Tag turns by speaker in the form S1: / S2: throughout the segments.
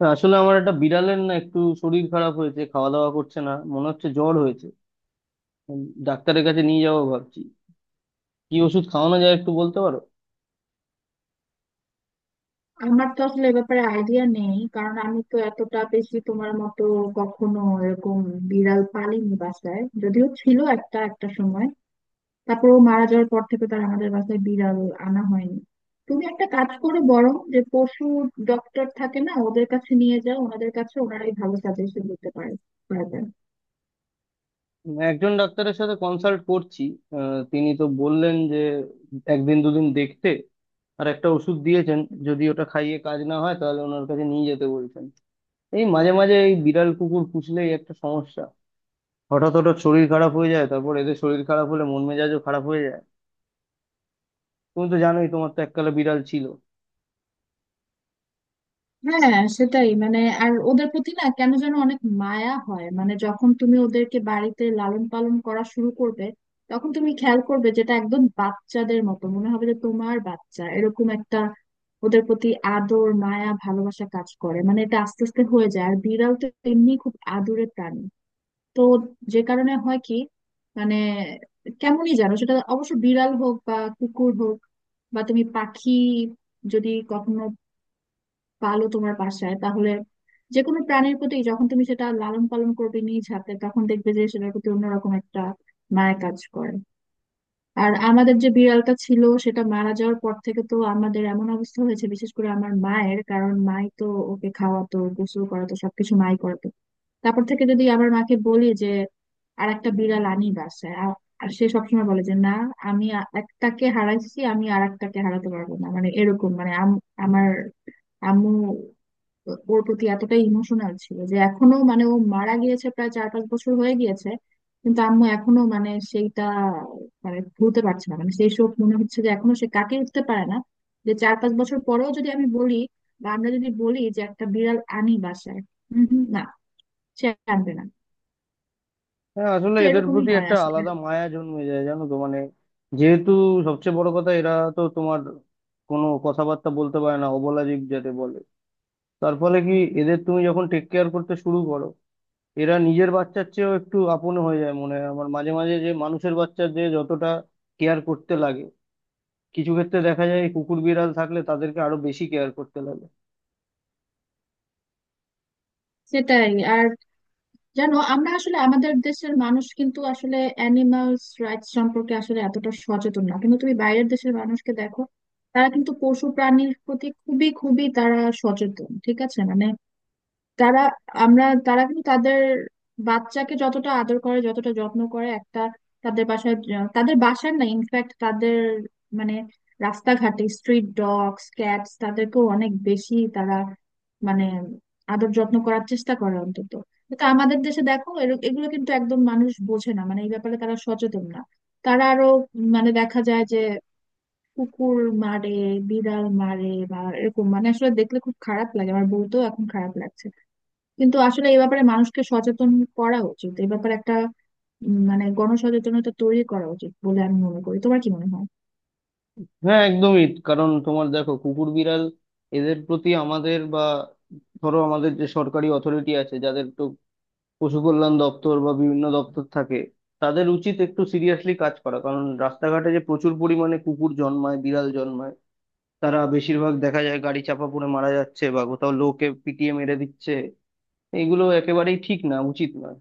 S1: না, আসলে আমার একটা বিড়ালের না একটু শরীর খারাপ হয়েছে, খাওয়া দাওয়া করছে না, মনে হচ্ছে জ্বর হয়েছে। উম, ডাক্তারের কাছে নিয়ে যাবো ভাবছি। কি ওষুধ খাওয়ানো যায় একটু বলতে পারো?
S2: আমার তো আসলে এ ব্যাপারে আইডিয়া নেই, কারণ আমি তো এতটা বেশি তোমার মতো কখনো এরকম বিড়াল পালিনি, বাসায় যদিও ছিল একটা একটা সময়। তারপর ও মারা যাওয়ার পর থেকে তার আমাদের বাসায় বিড়াল আনা হয়নি। তুমি একটা কাজ করে বরং, যে পশু ডক্টর থাকে না, ওদের কাছে নিয়ে যাও, ওনাদের কাছে, ওনারাই ভালো সাজেশন দিতে পারে, পারবেন।
S1: একজন ডাক্তারের সাথে কনসাল্ট করছি। তিনি তো বললেন যে একদিন দুদিন দেখতে, আর একটা ওষুধ দিয়েছেন। যদি ওটা খাইয়ে কাজ না হয় তাহলে ওনার কাছে নিয়ে যেতে বলছেন। এই মাঝে মাঝে এই বিড়াল কুকুর পুষলেই একটা সমস্যা, হঠাৎ হঠাৎ শরীর খারাপ হয়ে যায়। তারপর এদের শরীর খারাপ হলে মন মেজাজও খারাপ হয়ে যায়। তুমি তো জানোই, তোমার তো এককালে বিড়াল ছিল।
S2: হ্যাঁ, সেটাই। মানে আর ওদের প্রতি না, কেন যেন অনেক মায়া হয়, মানে যখন তুমি ওদেরকে বাড়িতে লালন পালন করা শুরু করবে, তখন তুমি খেয়াল করবে, যেটা একদম বাচ্চাদের মতো মনে হবে, যে তোমার বাচ্চা এরকম একটা, ওদের প্রতি আদর মায়া ভালোবাসা কাজ করে। মানে এটা আস্তে আস্তে হয়ে যায়। আর বিড়াল তো এমনি খুব আদুরে প্রাণী, তো যে কারণে হয় কি, মানে কেমনই জানো, সেটা অবশ্য বিড়াল হোক বা কুকুর হোক, বা তুমি পাখি যদি কখনো পালো তোমার বাসায়, তাহলে যে কোনো প্রাণীর প্রতি যখন তুমি সেটা লালন পালন করবে নিজ হাতে, তখন দেখবে যে সেটার প্রতি অন্যরকম একটা মায়া কাজ করে। আর আমাদের যে বিড়ালটা ছিল সেটা মারা যাওয়ার পর থেকে তো আমাদের এমন অবস্থা হয়েছে, বিশেষ করে আমার মায়ের, কারণ মাই তো ওকে খাওয়াতো, গোসল করাতো, সবকিছু মাই করাতো। তারপর থেকে যদি আমার মাকে বলি যে আর একটা বিড়াল আনি বাসায়, আর সে সবসময় বলে যে না, আমি একটাকে হারাইছি, আমি আর একটাকে হারাতে পারবো না। মানে এরকম, মানে আমার আম্মু ওর প্রতি এতটাই ইমোশনাল ছিল, যে এখনো, মানে ও মারা গিয়েছে প্রায় 4-5 বছর হয়ে গিয়েছে, কিন্তু আম্মু এখনো, মানে সেইটা, মানে ভুলতে পারছে না। মানে সেই শোক মনে হচ্ছে যে এখনো সে কাটিয়ে উঠতে পারে না, যে 4-5 বছর পরেও যদি আমি বলি, বা আমরা যদি বলি যে একটা বিড়াল আনি বাসায়, হম হম, না, সে আনবে না।
S1: হ্যাঁ, আসলে
S2: তো
S1: এদের
S2: এরকমই
S1: প্রতি
S2: হয়
S1: একটা
S2: আসলে।
S1: আলাদা মায়া জন্মে যায়, জানো তো। মানে যেহেতু সবচেয়ে বড় কথা, এরা তো তোমার কোনো কথাবার্তা বলতে পারে না, অবলা জীব যাতে বলে। তার ফলে কি, এদের তুমি যখন টেক কেয়ার করতে শুরু করো, এরা নিজের বাচ্চার চেয়েও একটু আপন হয়ে যায়। মনে হয় আমার মাঝে মাঝে যে মানুষের বাচ্চার যে যতটা কেয়ার করতে লাগে, কিছু ক্ষেত্রে দেখা যায় কুকুর বিড়াল থাকলে তাদেরকে আরো বেশি কেয়ার করতে লাগে।
S2: সেটাই। আর জানো, আমরা আসলে আমাদের দেশের মানুষ কিন্তু আসলে অ্যানিমালস রাইটস সম্পর্কে আসলে এতটা সচেতন না, কিন্তু তুমি বাইরের দেশের মানুষকে দেখো, তারা কিন্তু পশু প্রাণীর প্রতি খুবই খুবই তারা সচেতন, ঠিক আছে। মানে তারা, আমরা, তারা কিন্তু তাদের বাচ্চাকে যতটা আদর করে, যতটা যত্ন করে একটা, তাদের বাসায় তাদের বাসার না, ইনফ্যাক্ট তাদের, মানে রাস্তাঘাটে স্ট্রিট ডগস ক্যাটস, তাদেরকেও অনেক বেশি তারা, মানে আদর যত্ন করার চেষ্টা করে অন্তত। কিন্তু আমাদের দেশে দেখো এগুলো কিন্তু একদম মানুষ বোঝে না, মানে এই ব্যাপারে তারা সচেতন না। তারা আরো, মানে দেখা যায় যে কুকুর মারে, বিড়াল মারে, বা এরকম, মানে আসলে দেখলে খুব খারাপ লাগে, আমার বলতেও এখন খারাপ লাগছে। কিন্তু আসলে এই ব্যাপারে মানুষকে সচেতন করা উচিত, এই ব্যাপারে একটা মানে গণসচেতনতা তৈরি করা উচিত বলে আমি মনে করি। তোমার কি মনে হয়?
S1: হ্যাঁ, একদমই। কারণ তোমার দেখো কুকুর বিড়াল এদের প্রতি আমাদের, বা ধরো আমাদের যে সরকারি অথরিটি আছে, পশু কল্যাণ দপ্তর বা বিভিন্ন দপ্তর থাকে, তাদের উচিত একটু সিরিয়াসলি কাজ করা। কারণ রাস্তাঘাটে যে প্রচুর পরিমাণে কুকুর জন্মায় বিড়াল জন্মায়, তারা বেশিরভাগ দেখা যায় গাড়ি চাপা পড়ে মারা যাচ্ছে বা কোথাও লোকে পিটিয়ে মেরে দিচ্ছে। এগুলো একেবারেই ঠিক না, উচিত নয়।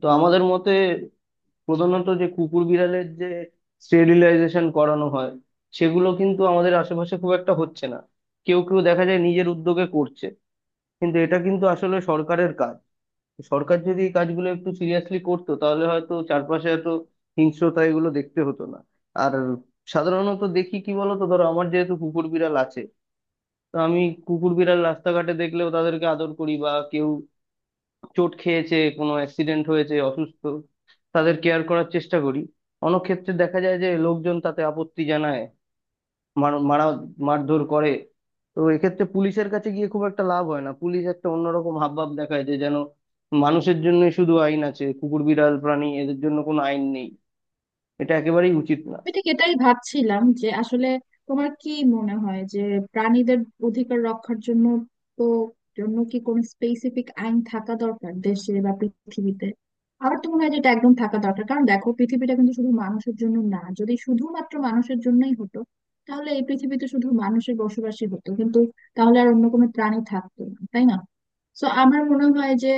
S1: তো আমাদের মতে প্রধানত যে কুকুর বিড়ালের যে স্টেরিলাইজেশন করানো হয়, সেগুলো কিন্তু আমাদের আশেপাশে খুব একটা হচ্ছে না। কেউ কেউ দেখা যায় নিজের উদ্যোগে করছে, কিন্তু এটা কিন্তু আসলে সরকারের কাজ। সরকার যদি এই কাজগুলো একটু সিরিয়াসলি করতো তাহলে হয়তো চারপাশে এত হিংস্রতা এগুলো দেখতে হতো না। আর সাধারণত দেখি কি বলতো, ধরো আমার যেহেতু কুকুর বিড়াল আছে, তো আমি কুকুর বিড়াল রাস্তাঘাটে দেখলেও তাদেরকে আদর করি, বা কেউ চোট খেয়েছে, কোনো অ্যাক্সিডেন্ট হয়েছে, অসুস্থ, তাদের কেয়ার করার চেষ্টা করি। অনেক ক্ষেত্রে দেখা যায় যে লোকজন তাতে আপত্তি জানায়, মার মারা, মারধর করে। তো এক্ষেত্রে পুলিশের কাছে গিয়ে খুব একটা লাভ হয় না, পুলিশ একটা অন্যরকম হাবভাব দেখায়, যে যেন মানুষের জন্য শুধু আইন আছে, কুকুর বিড়াল প্রাণী এদের জন্য কোনো আইন নেই। এটা একেবারেই উচিত না।
S2: আমি ঠিক এটাই ভাবছিলাম যে আসলে তোমার কি মনে হয় যে প্রাণীদের অধিকার রক্ষার জন্য, তো জন্য কি কোনো স্পেসিফিক আইন থাকা দরকার দেশে বা পৃথিবীতে? আমার তো মনে হয় যে এটা একদম থাকা দরকার। কারণ দেখো, পৃথিবীটা কিন্তু শুধু মানুষের জন্য না। যদি শুধুমাত্র মানুষের জন্যই হতো তাহলে এই পৃথিবীতে শুধু মানুষের বসবাসই হতো, কিন্তু তাহলে আর অন্য কোনো প্রাণী থাকতো না, তাই না? সো আমার মনে হয় যে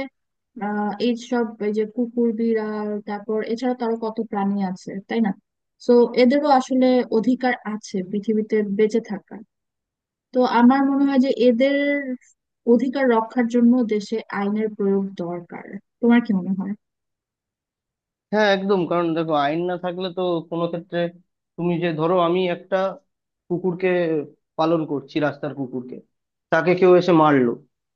S2: এইসব, এই যে কুকুর বিড়াল, তারপর এছাড়া তো আরো কত প্রাণী আছে, তাই না? তো এদেরও আসলে অধিকার আছে পৃথিবীতে বেঁচে থাকার। তো আমার মনে হয় যে এদের অধিকার রক্ষার জন্য দেশে আইনের প্রয়োগ দরকার। তোমার কি মনে হয়?
S1: হ্যাঁ, একদম। কারণ দেখো আইন না থাকলে তো কোনো ক্ষেত্রে, তুমি যে ধরো আমি একটা কুকুরকে পালন করছি রাস্তার কুকুরকে, তাকে কেউ এসে মারলো,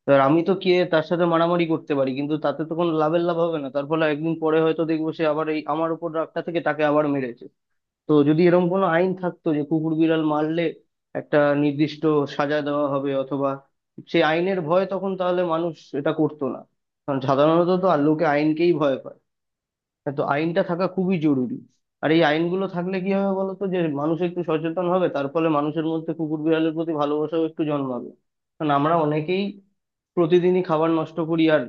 S1: এবার আমি তো গিয়ে তার সাথে মারামারি করতে পারি কিন্তু তাতে তো কোনো লাভের লাভ হবে না। তার ফলে একদিন পরে হয়তো দেখবো সে আবার এই আমার উপর রাগটা থেকে তাকে আবার মেরেছে। তো যদি এরকম কোনো আইন থাকতো যে কুকুর বিড়াল মারলে একটা নির্দিষ্ট সাজা দেওয়া হবে, অথবা সেই আইনের ভয় তখন তাহলে মানুষ এটা করতো না। কারণ সাধারণত তো আর লোকে আইনকেই ভয় পায়। হ্যাঁ, তো আইনটা থাকা খুবই জরুরি। আর এই আইনগুলো থাকলে কি হবে বলতো, যে মানুষ একটু সচেতন হবে, তার ফলে মানুষের মধ্যে কুকুর বিড়ালের প্রতি ভালোবাসাও একটু জন্মাবে। কারণ আমরা অনেকেই প্রতিদিনই খাবার নষ্ট করি, আর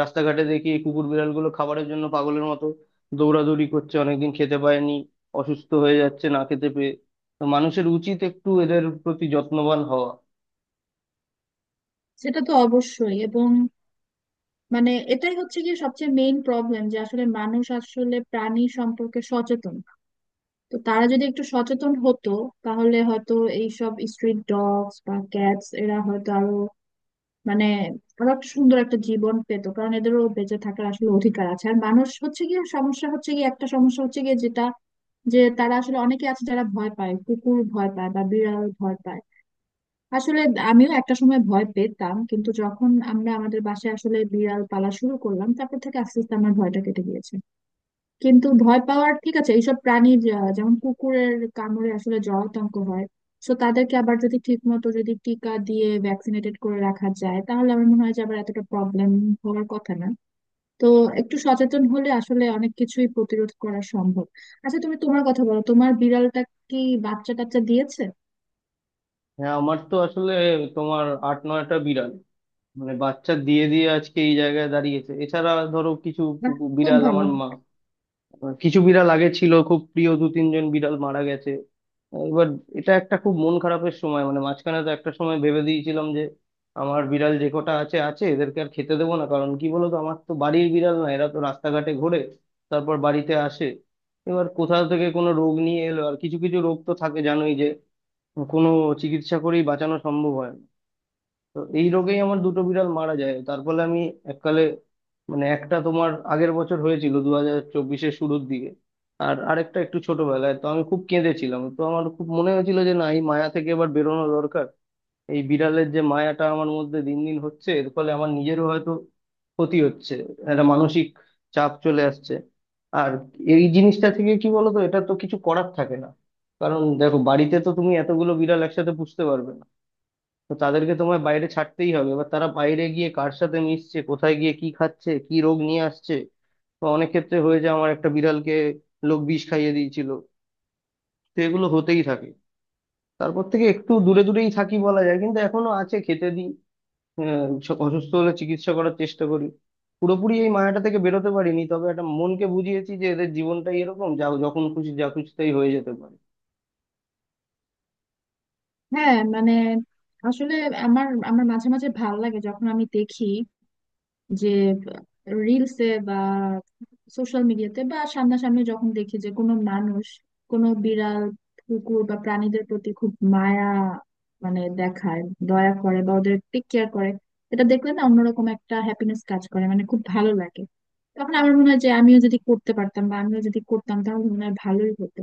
S1: রাস্তাঘাটে দেখি এই কুকুর বিড়ালগুলো খাবারের জন্য পাগলের মতো দৌড়াদৌড়ি করছে, অনেকদিন খেতে পায়নি, অসুস্থ হয়ে যাচ্ছে না খেতে পেয়ে। তো মানুষের উচিত একটু এদের প্রতি যত্নবান হওয়া।
S2: সেটা তো অবশ্যই, এবং মানে এটাই হচ্ছে গিয়ে সবচেয়ে মেইন প্রবলেম, যে আসলে মানুষ আসলে প্রাণী সম্পর্কে সচেতন না। তো তারা যদি একটু সচেতন হতো তাহলে হয়তো এইসব স্ট্রিট ডগস বা ক্যাটস এরা হয়তো আরো, মানে ওরা সুন্দর একটা জীবন পেতো। কারণ এদেরও বেঁচে থাকার আসলে অধিকার আছে। আর মানুষ হচ্ছে গিয়ে সমস্যা, হচ্ছে গিয়ে একটা সমস্যা হচ্ছে গিয়ে, যেটা, যে তারা আসলে অনেকে আছে যারা ভয় পায়, কুকুর ভয় পায় বা বিড়াল ভয় পায়। আসলে আমিও একটা সময় ভয় পেতাম, কিন্তু যখন আমরা আমাদের বাসায় আসলে বিড়াল পালা শুরু করলাম, তারপর থেকে আস্তে আস্তে আমার ভয়টা কেটে গিয়েছে। কিন্তু ভয় পাওয়ার, ঠিক আছে, এইসব প্রাণীর যেমন কুকুরের কামড়ে আসলে জলাতঙ্ক হয়, তো তাদেরকে আবার যদি ঠিক মতো যদি টিকা দিয়ে ভ্যাকসিনেটেড করে রাখা যায়, তাহলে আমার মনে হয় যে আবার এতটা প্রবলেম হওয়ার কথা না। তো একটু সচেতন হলে আসলে অনেক কিছুই প্রতিরোধ করা সম্ভব। আচ্ছা, তুমি তোমার কথা বলো, তোমার বিড়ালটা কি বাচ্চা টাচ্চা দিয়েছে?
S1: হ্যাঁ, আমার তো আসলে তোমার আট নয়টা বিড়াল মানে বাচ্চা দিয়ে দিয়ে আজকে এই জায়গায় দাঁড়িয়েছে। এছাড়া ধরো কিছু
S2: বাহ,
S1: কুকুর-
S2: খুব
S1: বিড়াল আমার
S2: ভালো।
S1: মা, মানে কিছু বিড়াল আগে ছিল খুব প্রিয়, দু তিনজন বিড়াল মারা গেছে। এবার এটা একটা খুব মন খারাপের সময়। মানে মাঝখানে তো একটা সময় ভেবে দিয়েছিলাম যে আমার বিড়াল যে কটা আছে আছে, এদেরকে আর খেতে দেবো না। কারণ কি বলতো, আমার তো বাড়ির বিড়াল না, এরা তো রাস্তাঘাটে ঘোরে, তারপর বাড়িতে আসে। এবার কোথা থেকে কোনো রোগ নিয়ে এলো, আর কিছু কিছু রোগ তো থাকে জানোই, যে কোনো চিকিৎসা করেই বাঁচানো সম্ভব হয় না। তো এই রোগেই আমার দুটো বিড়াল মারা যায়। তার ফলে আমি এককালে, মানে একটা তোমার আগের বছর হয়েছিল 2024-এর শুরুর দিকে, আর আরেকটা একটু ছোটবেলায়, তো আমি খুব কেঁদেছিলাম। তো আমার খুব মনে হয়েছিল যে না, এই মায়া থেকে এবার বেরোনো দরকার। এই বিড়ালের যে মায়াটা আমার মধ্যে দিন দিন হচ্ছে, এর ফলে আমার নিজেরও হয়তো ক্ষতি হচ্ছে, একটা মানসিক চাপ চলে আসছে। আর এই জিনিসটা থেকে কি বলতো, এটা তো কিছু করার থাকে না। কারণ দেখো বাড়িতে তো তুমি এতগুলো বিড়াল একসাথে পুষতে পারবে না। তো তাদেরকে তোমায় বাইরে ছাড়তেই হবে। এবার তারা বাইরে গিয়ে কার সাথে মিশছে, কোথায় গিয়ে কি খাচ্ছে, কি রোগ নিয়ে আসছে। তো অনেক ক্ষেত্রে হয়ে যায়, আমার একটা বিড়ালকে লোক বিষ খাইয়ে দিয়েছিল। তো এগুলো হতেই থাকে। তারপর থেকে একটু দূরে দূরেই থাকি বলা যায়, কিন্তু এখনো আছে, খেতে দিই। স- অসুস্থ হলে চিকিৎসা করার চেষ্টা করি। পুরোপুরি এই মায়াটা থেকে বেরোতে পারিনি, তবে একটা মনকে বুঝিয়েছি যে এদের জীবনটাই এরকম, যা যখন খুশি যা খুশি তাই হয়ে যেতে পারে।
S2: হ্যাঁ, মানে আসলে আমার আমার মাঝে মাঝে ভালো লাগে যখন আমি দেখি যে রিলসে বা সোশ্যাল মিডিয়াতে বা সামনাসামনি যখন দেখি যে কোনো মানুষ কোনো বিড়াল, কুকুর বা প্রাণীদের প্রতি খুব মায়া, মানে দেখায়, দয়া করে বা ওদের টেক কেয়ার করে। এটা দেখলে না অন্যরকম একটা হ্যাপিনেস কাজ করে, মানে খুব ভালো লাগে। তখন আমার মনে হয় যে আমিও যদি করতে পারতাম বা আমিও যদি করতাম তাহলে মনে হয় ভালোই হতো।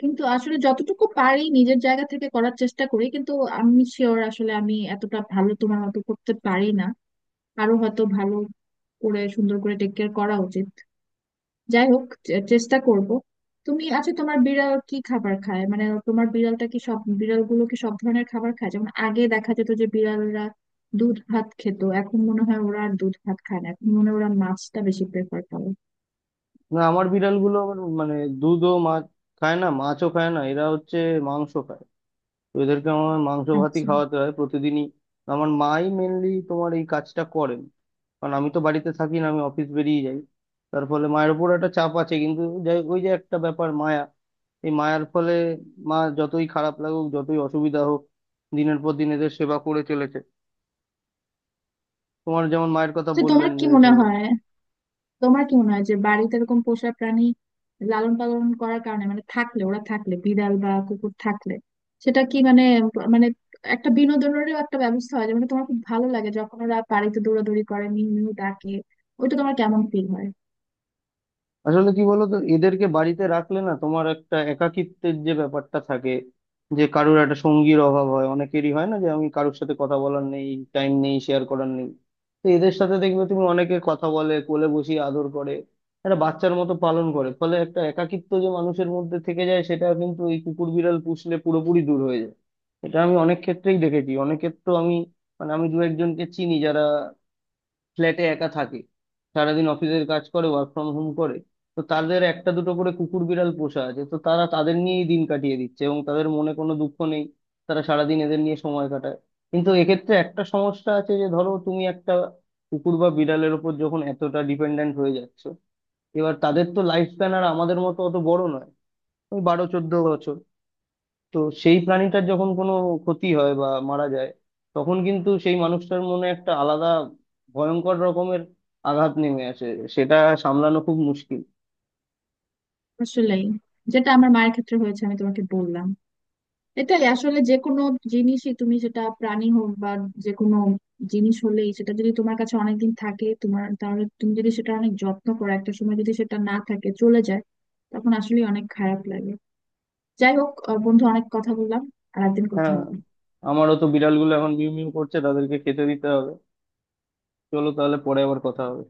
S2: কিন্তু আসলে যতটুকু পারি নিজের জায়গা থেকে করার চেষ্টা করি, কিন্তু আমি শিওর আসলে আমি এতটা ভালো তোমার মতো করতে পারি না, আরো হয়তো ভালো করে সুন্দর করে টেক কেয়ার করা উচিত। যাই হোক, চেষ্টা করব। তুমি, আচ্ছা, তোমার বিড়াল কি খাবার খায়? মানে তোমার বিড়ালটা কি, সব বিড়ালগুলো কি সব ধরনের খাবার খায়? যেমন আগে দেখা যেত যে বিড়ালরা দুধ ভাত খেত, এখন মনে হয় ওরা আর দুধ ভাত খায় না, এখন মনে হয় ওরা মাছটা বেশি প্রেফার করে।
S1: না, আমার বিড়ালগুলো আবার মানে দুধও মাছ খায় না, মাছও খায় না, এরা হচ্ছে মাংস খায়। তো এদেরকে আমার মাংস ভাতই
S2: আচ্ছা,
S1: খাওয়াতে হয় প্রতিদিনই। আমার মাই মেনলি তোমার এই কাজটা করেন। কারণ আমি তো বাড়িতে থাকি না, আমি অফিস বেরিয়ে যাই। তার ফলে মায়ের উপর একটা চাপ আছে, কিন্তু যাই, ওই যে একটা ব্যাপার মায়া, এই মায়ার ফলে মা যতই খারাপ লাগুক, যতই অসুবিধা হোক, দিনের পর দিন এদের সেবা করে চলেছে। তোমার যেমন মায়ের কথা
S2: তো তোমার
S1: বললেন
S2: কি
S1: যে
S2: মনে
S1: সে।
S2: হয়, তোমার কি মনে হয় যে বাড়িতে এরকম পোষা প্রাণী লালন পালন করার কারণে, মানে থাকলে, ওরা থাকলে, বিড়াল বা কুকুর থাকলে সেটা কি, মানে মানে একটা বিনোদনেরও একটা ব্যবস্থা হয়, যে মানে তোমার খুব ভালো লাগে যখন ওরা বাড়িতে দৌড়াদৌড়ি করে মিউ মিউ ডাকে, ওইটা তোমার কেমন ফিল হয়?
S1: আসলে কি বলতো, এদেরকে বাড়িতে রাখলে না তোমার একটা একাকিত্বের যে ব্যাপারটা থাকে, যে কারুর একটা সঙ্গীর অভাব হয় অনেকেরই, হয় না যে আমি কারুর সাথে কথা বলার নেই, টাইম নেই, শেয়ার করার নেই। তো এদের সাথে দেখবে তুমি অনেকে কথা বলে, কোলে বসিয়ে আদর করে, একটা বাচ্চার মতো পালন করে। ফলে একটা একাকিত্ব যে মানুষের মধ্যে থেকে যায় সেটা কিন্তু এই কুকুর বিড়াল পুষলে পুরোপুরি দূর হয়ে যায়। এটা আমি অনেক ক্ষেত্রেই দেখেছি। অনেকের তো আমি মানে আমি দু একজনকে চিনি যারা ফ্ল্যাটে একা থাকে, সারাদিন অফিসের কাজ করে, ওয়ার্ক ফ্রম হোম করে। তো তাদের একটা দুটো করে কুকুর বিড়াল পোষা আছে, তো তারা তাদের নিয়েই দিন কাটিয়ে দিচ্ছে এবং তাদের মনে কোনো দুঃখ নেই। তারা সারাদিন এদের নিয়ে সময় কাটায়। কিন্তু এক্ষেত্রে একটা সমস্যা আছে, যে ধরো তুমি একটা কুকুর বা বিড়ালের ওপর যখন এতটা ডিপেন্ডেন্ট হয়ে যাচ্ছ, এবার তাদের তো লাইফ স্প্যান আর আমাদের মতো অত বড় নয়, ওই বারো চোদ্দ বছর। তো সেই প্রাণীটার যখন কোনো ক্ষতি হয় বা মারা যায়, তখন কিন্তু সেই মানুষটার মনে একটা আলাদা, ভয়ঙ্কর রকমের আঘাত নেমে আসে। সেটা সামলানো খুব মুশকিল।
S2: আসলেই, যেটা আমার মায়ের ক্ষেত্রে হয়েছে, আমি তোমাকে বললাম। এটাই আসলে, যে কোনো জিনিসই তুমি, সেটা প্রাণী হোক বা যে কোনো জিনিস হলেই, সেটা যদি তোমার কাছে অনেকদিন থাকে, তোমার, তাহলে তুমি যদি সেটা অনেক যত্ন করো, একটা সময় যদি সেটা না থাকে, চলে যায়, তখন আসলে অনেক খারাপ লাগে। যাই হোক বন্ধু, অনেক কথা বললাম, আর একদিন কথা
S1: হ্যাঁ,
S2: হবে।
S1: আমারও তো বিড়ালগুলো এখন মিউ মিউ করছে, তাদেরকে খেতে দিতে হবে। চলো তাহলে পরে আবার কথা হবে।